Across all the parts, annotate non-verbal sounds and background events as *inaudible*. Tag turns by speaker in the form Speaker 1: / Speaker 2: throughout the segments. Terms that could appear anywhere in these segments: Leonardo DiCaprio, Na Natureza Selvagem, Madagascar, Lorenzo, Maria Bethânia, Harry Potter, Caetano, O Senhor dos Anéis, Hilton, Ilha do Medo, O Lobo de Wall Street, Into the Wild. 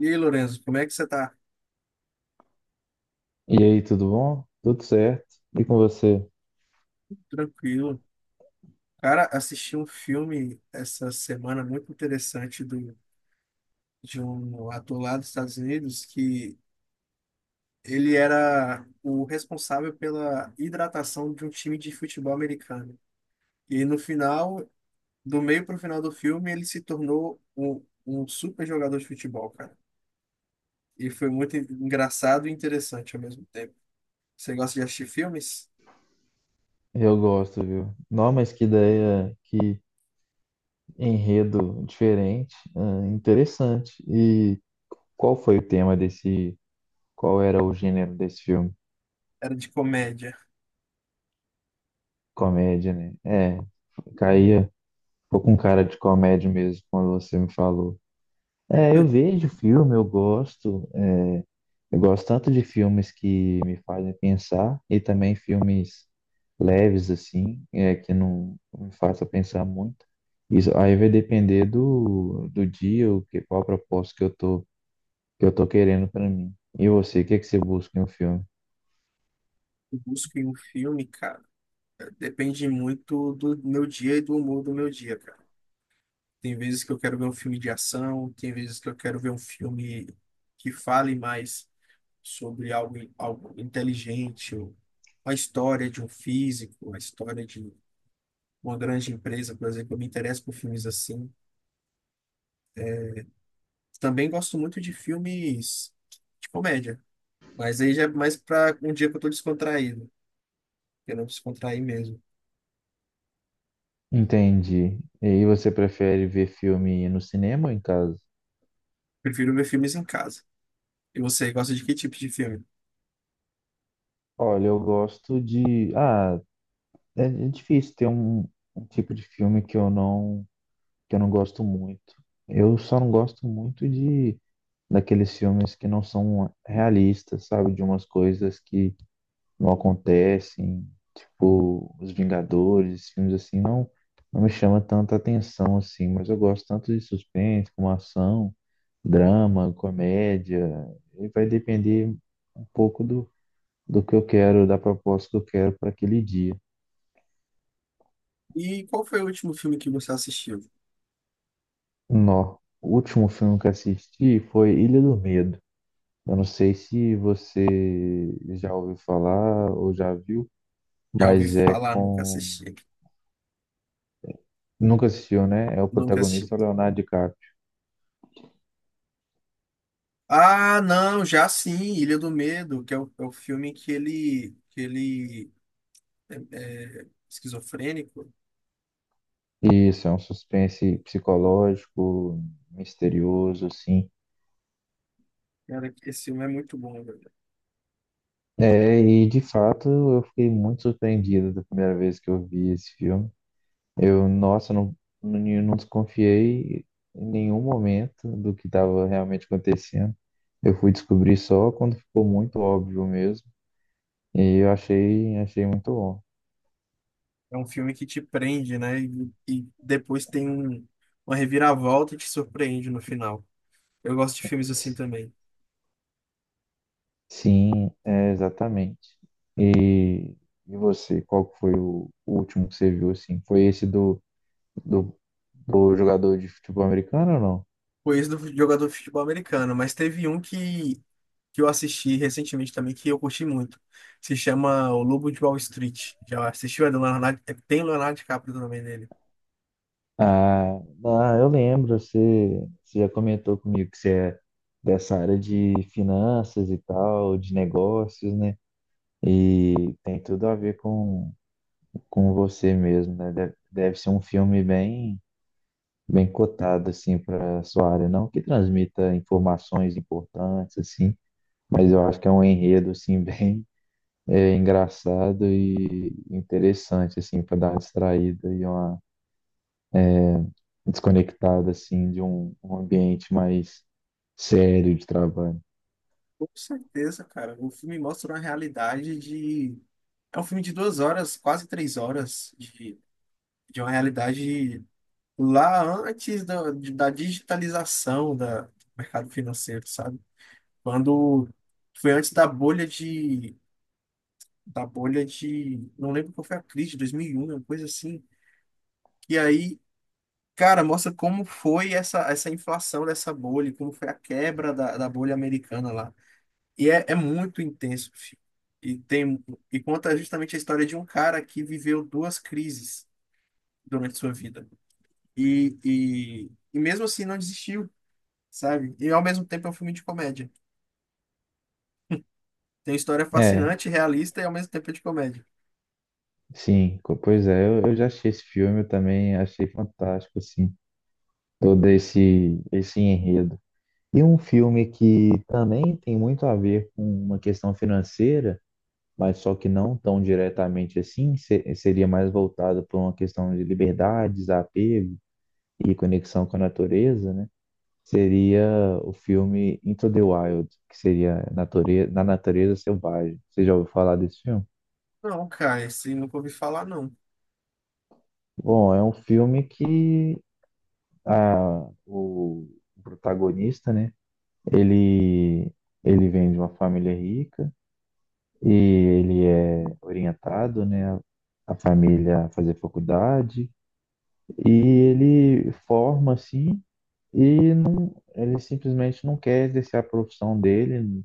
Speaker 1: E aí, Lorenzo, como é que você tá?
Speaker 2: E aí, tudo bom? Tudo certo? E com você?
Speaker 1: Tranquilo? Cara, assisti um filme essa semana muito interessante de um ator lá dos Estados Unidos que ele era o responsável pela hidratação de um time de futebol americano. E no final, do meio para o final do filme, ele se tornou um super jogador de futebol, cara. E foi muito engraçado e interessante ao mesmo tempo. Você gosta de assistir filmes?
Speaker 2: Eu gosto, viu? Não, mas que ideia, que enredo diferente, ah, interessante. E qual foi o tema desse, qual era o gênero desse filme?
Speaker 1: Era de comédia.
Speaker 2: Comédia, né? É, caía, ficou com cara de comédia mesmo quando você me falou. É, eu
Speaker 1: *laughs*
Speaker 2: vejo filme, eu gosto, é, eu gosto tanto de filmes que me fazem pensar e também filmes leves, assim, é, que não me façam pensar muito. Isso aí vai depender do dia, o que, qual propósito que eu tô querendo para mim. E você, o que é que você busca em um filme?
Speaker 1: Eu busco em um filme, cara. Depende muito do meu dia e do humor do meu dia, cara. Tem vezes que eu quero ver um filme de ação, tem vezes que eu quero ver um filme que fale mais sobre algo inteligente, ou a história de um físico, a história de uma grande empresa, por exemplo. Eu me interesso por filmes assim. Também gosto muito de filmes de comédia, mas aí já é mais para um dia que eu tô descontraído, que eu não descontrair mesmo.
Speaker 2: Entendi. E aí você prefere ver filme no cinema ou em casa?
Speaker 1: Prefiro ver filmes em casa. E você gosta de que tipo de filme?
Speaker 2: Olha, eu gosto de. Ah, é difícil ter um, um tipo de filme que eu não gosto muito. Eu só não gosto muito de daqueles filmes que não são realistas, sabe? De umas coisas que não acontecem, tipo Os Vingadores, filmes assim, não, não me chama tanta atenção assim, mas eu gosto tanto de suspense, como ação, drama, comédia, e vai depender um pouco do que eu quero, da proposta que eu quero para aquele dia.
Speaker 1: E qual foi o último filme que você assistiu?
Speaker 2: Nó. O último filme que assisti foi Ilha do Medo. Eu não sei se você já ouviu falar ou já viu,
Speaker 1: Já ouvi
Speaker 2: mas é
Speaker 1: falar, nunca
Speaker 2: com.
Speaker 1: assisti.
Speaker 2: Nunca assistiu, né? É o
Speaker 1: Nunca
Speaker 2: protagonista o
Speaker 1: assisti.
Speaker 2: Leonardo DiCaprio.
Speaker 1: Ah, não, já sim, Ilha do Medo, que é o filme que ele é, é esquizofrênico.
Speaker 2: E isso, é um suspense psicológico, misterioso, assim.
Speaker 1: Cara, esse filme é muito bom, velho.
Speaker 2: É, e de fato eu fiquei muito surpreendido da primeira vez que eu vi esse filme. Eu, nossa, não, não desconfiei em nenhum momento do que estava realmente acontecendo. Eu fui descobrir só quando ficou muito óbvio mesmo. E eu achei, achei muito bom.
Speaker 1: É um filme que te prende, né? E depois tem uma reviravolta e te surpreende no final. Eu gosto de filmes assim também.
Speaker 2: Sim, é, exatamente. E, e você, qual que foi o último que você viu, assim? Foi esse do, do, do jogador de futebol americano ou não?
Speaker 1: Foi esse do jogador de futebol americano, mas teve um que eu assisti recentemente também, que eu curti muito. Se chama O Lobo de Wall Street. Já assistiu? É do Leonardo, tem Leonardo DiCaprio também nele.
Speaker 2: Ah, ah, eu lembro, você, você já comentou comigo que você é dessa área de finanças e tal, de negócios, né? E tem tudo a ver com você mesmo, né? Deve, deve ser um filme bem, bem cotado, assim, para sua área, não? Que transmita informações importantes, assim. Mas eu acho que é um enredo assim *laughs* bem é, engraçado e interessante assim para dar uma distraída e uma desconectada assim de um, um ambiente mais sério de trabalho.
Speaker 1: Com certeza, cara. O filme mostra uma realidade de. É um filme de duas horas, quase três horas, de uma realidade lá antes da digitalização do mercado financeiro, sabe? Quando foi antes da bolha de. Da bolha de. Não lembro qual foi a crise, 2001, uma coisa assim. E aí cara, mostra como foi essa, essa inflação dessa bolha, como foi a quebra da, da bolha americana lá. E é, é muito intenso, filho. E tem, e conta justamente a história de um cara que viveu duas crises durante sua vida. E mesmo assim não desistiu, sabe? E ao mesmo tempo é um filme de comédia. Tem história
Speaker 2: É,
Speaker 1: fascinante, realista e ao mesmo tempo é de comédia.
Speaker 2: sim, co- pois é, eu já achei esse filme, eu também achei fantástico assim todo esse enredo. E um filme que também tem muito a ver com uma questão financeira, mas só que não tão diretamente assim, se- seria mais voltado para uma questão de liberdade, desapego e conexão com a natureza, né? Seria o filme Into the Wild, que seria natureza, Na Natureza Selvagem. Você já ouviu falar desse filme?
Speaker 1: Não, cara, esse nunca ouvi falar, não.
Speaker 2: Bom, é um filme que ah, o protagonista, né? Ele, ele vem de uma família rica e ele é orientado, né? A família a fazer faculdade e ele forma assim e não, ele simplesmente não quer exercer a profissão dele,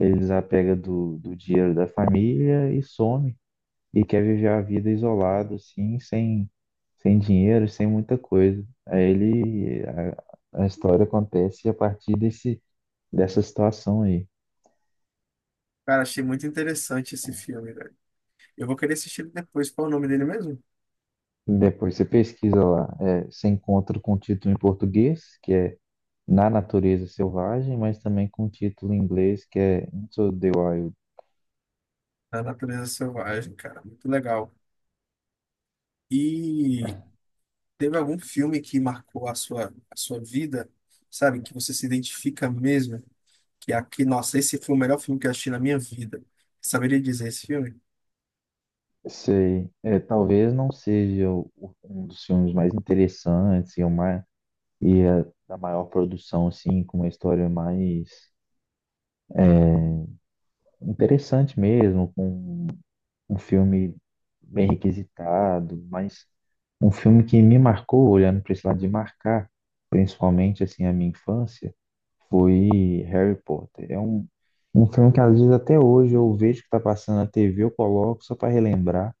Speaker 2: ele desapega do dinheiro da família e some. E quer viver a vida isolado, assim, sem, sem dinheiro, sem muita coisa. Aí ele, a história acontece a partir desse, dessa situação aí.
Speaker 1: Cara, achei muito interessante esse filme, velho. Eu vou querer assistir ele depois. Qual é o nome dele mesmo?
Speaker 2: Depois você pesquisa lá, é, você encontra com o título em português, que é Na Natureza Selvagem, mas também com o título em inglês, que é Into the Wild.
Speaker 1: Da natureza selvagem, cara. Muito legal. E teve algum filme que marcou a sua vida, sabe? Que você se identifica mesmo? Que é aqui, nossa, esse foi o melhor filme que eu assisti na minha vida. Saberia dizer esse filme?
Speaker 2: Sei, é, talvez não seja o- um dos filmes mais interessantes e o mais e é da maior produção, assim, com uma história mais interessante mesmo, com um filme bem requisitado, mas um filme que me marcou, olhando para esse lado de marcar, principalmente, assim, a minha infância, foi Harry Potter. É um, um filme que, às vezes, até hoje eu vejo que está passando na TV, eu coloco só para relembrar,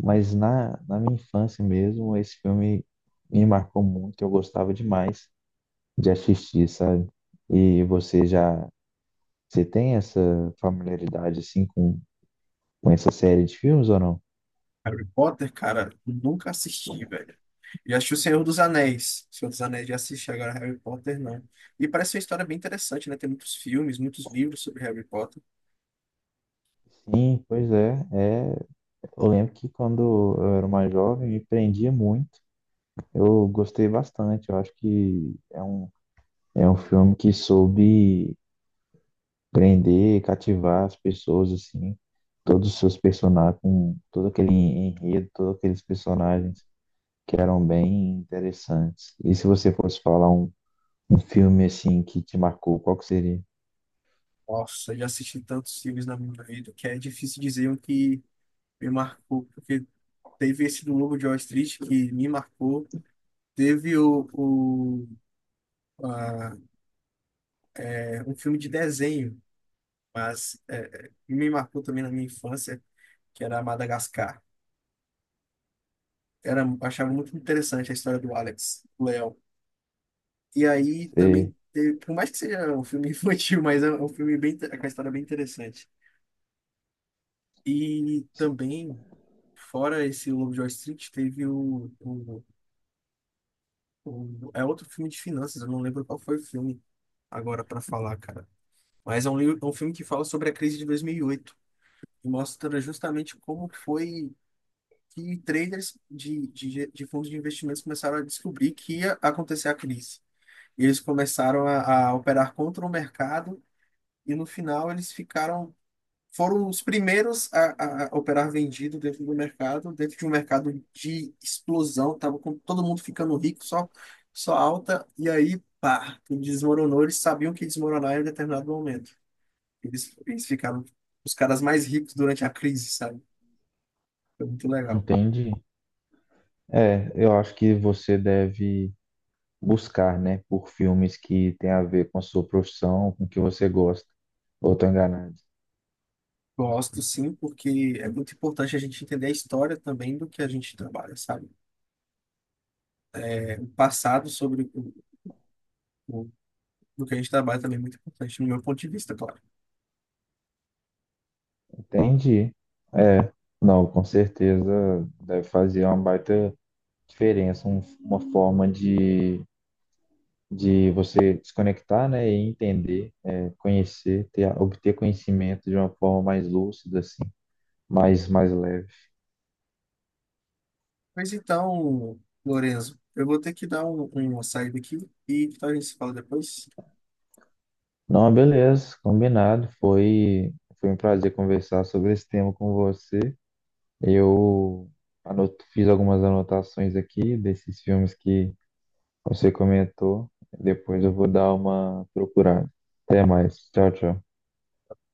Speaker 2: mas na, na minha infância mesmo, esse filme me marcou muito, eu gostava demais de assistir, sabe? E você já, você tem essa familiaridade assim com essa série de filmes ou não?
Speaker 1: Harry Potter, cara, eu nunca assisti, velho. Já assisti O Senhor dos Anéis. O Senhor dos Anéis já assisti, agora Harry Potter não. E parece uma história bem interessante, né? Tem muitos filmes, muitos livros sobre Harry Potter.
Speaker 2: Sim, pois é, é. Eu lembro que quando eu era mais jovem me prendia muito. Eu gostei bastante. Eu acho que é um filme que soube prender, cativar as pessoas assim, todos os seus personagens, com todo aquele enredo, todos aqueles personagens que eram bem interessantes. E se você fosse falar um um filme assim que te marcou, qual que seria?
Speaker 1: Nossa, já assisti tantos filmes na minha vida que é difícil dizer um que me marcou, porque teve esse do Lobo de Wall Street que me marcou. Teve a- um filme de desenho, mas me marcou também na minha infância, que era Madagascar. Era, eu achava muito interessante a história do Alex, o leão. E aí também,
Speaker 2: Você
Speaker 1: teve, por mais que seja um filme infantil, *laughs* mas é um filme bem, com a história bem interessante. E também, fora esse Lobo de Wall Street, teve o- é outro filme de finanças, eu não lembro qual foi o filme agora para falar, cara. Mas é um filme que fala sobre a crise de 2008 e oito e mostra justamente como foi que traders de fundos de investimentos começaram a descobrir que ia acontecer a crise. E eles começaram a operar contra o mercado e no final eles ficaram, foram os primeiros a operar vendido dentro do mercado, dentro de um mercado de explosão, tava com todo mundo ficando rico, só, só alta, e aí, pá, tudo desmoronou, eles sabiam que ia desmoronar em um determinado momento. Eles ficaram os caras mais ricos durante a crise, sabe? Foi muito legal.
Speaker 2: entende? É, eu acho que você deve buscar, né, por filmes que tem a ver com a sua profissão, com o que você gosta. Ou tô enganado?
Speaker 1: Gosto sim, porque é muito importante a gente entender a história também do que a gente trabalha, sabe? O passado sobre o, do que a gente trabalha também é muito importante, no meu ponto de vista, claro.
Speaker 2: Entendi. Não, com certeza deve fazer uma baita diferença, um- uma forma de você desconectar, né, e entender, é, conhecer, ter, obter conhecimento de uma forma mais lúcida, assim, mais, mais leve.
Speaker 1: Mas então, Lorenzo, eu vou ter que dar uma saída aqui e então a gente se fala depois.
Speaker 2: Não, beleza, combinado. Foi, foi um prazer conversar sobre esse tema com você. Eu anoto, fiz algumas anotações aqui desses filmes que você comentou. Depois eu vou dar uma procurada. Até mais. Tchau, tchau.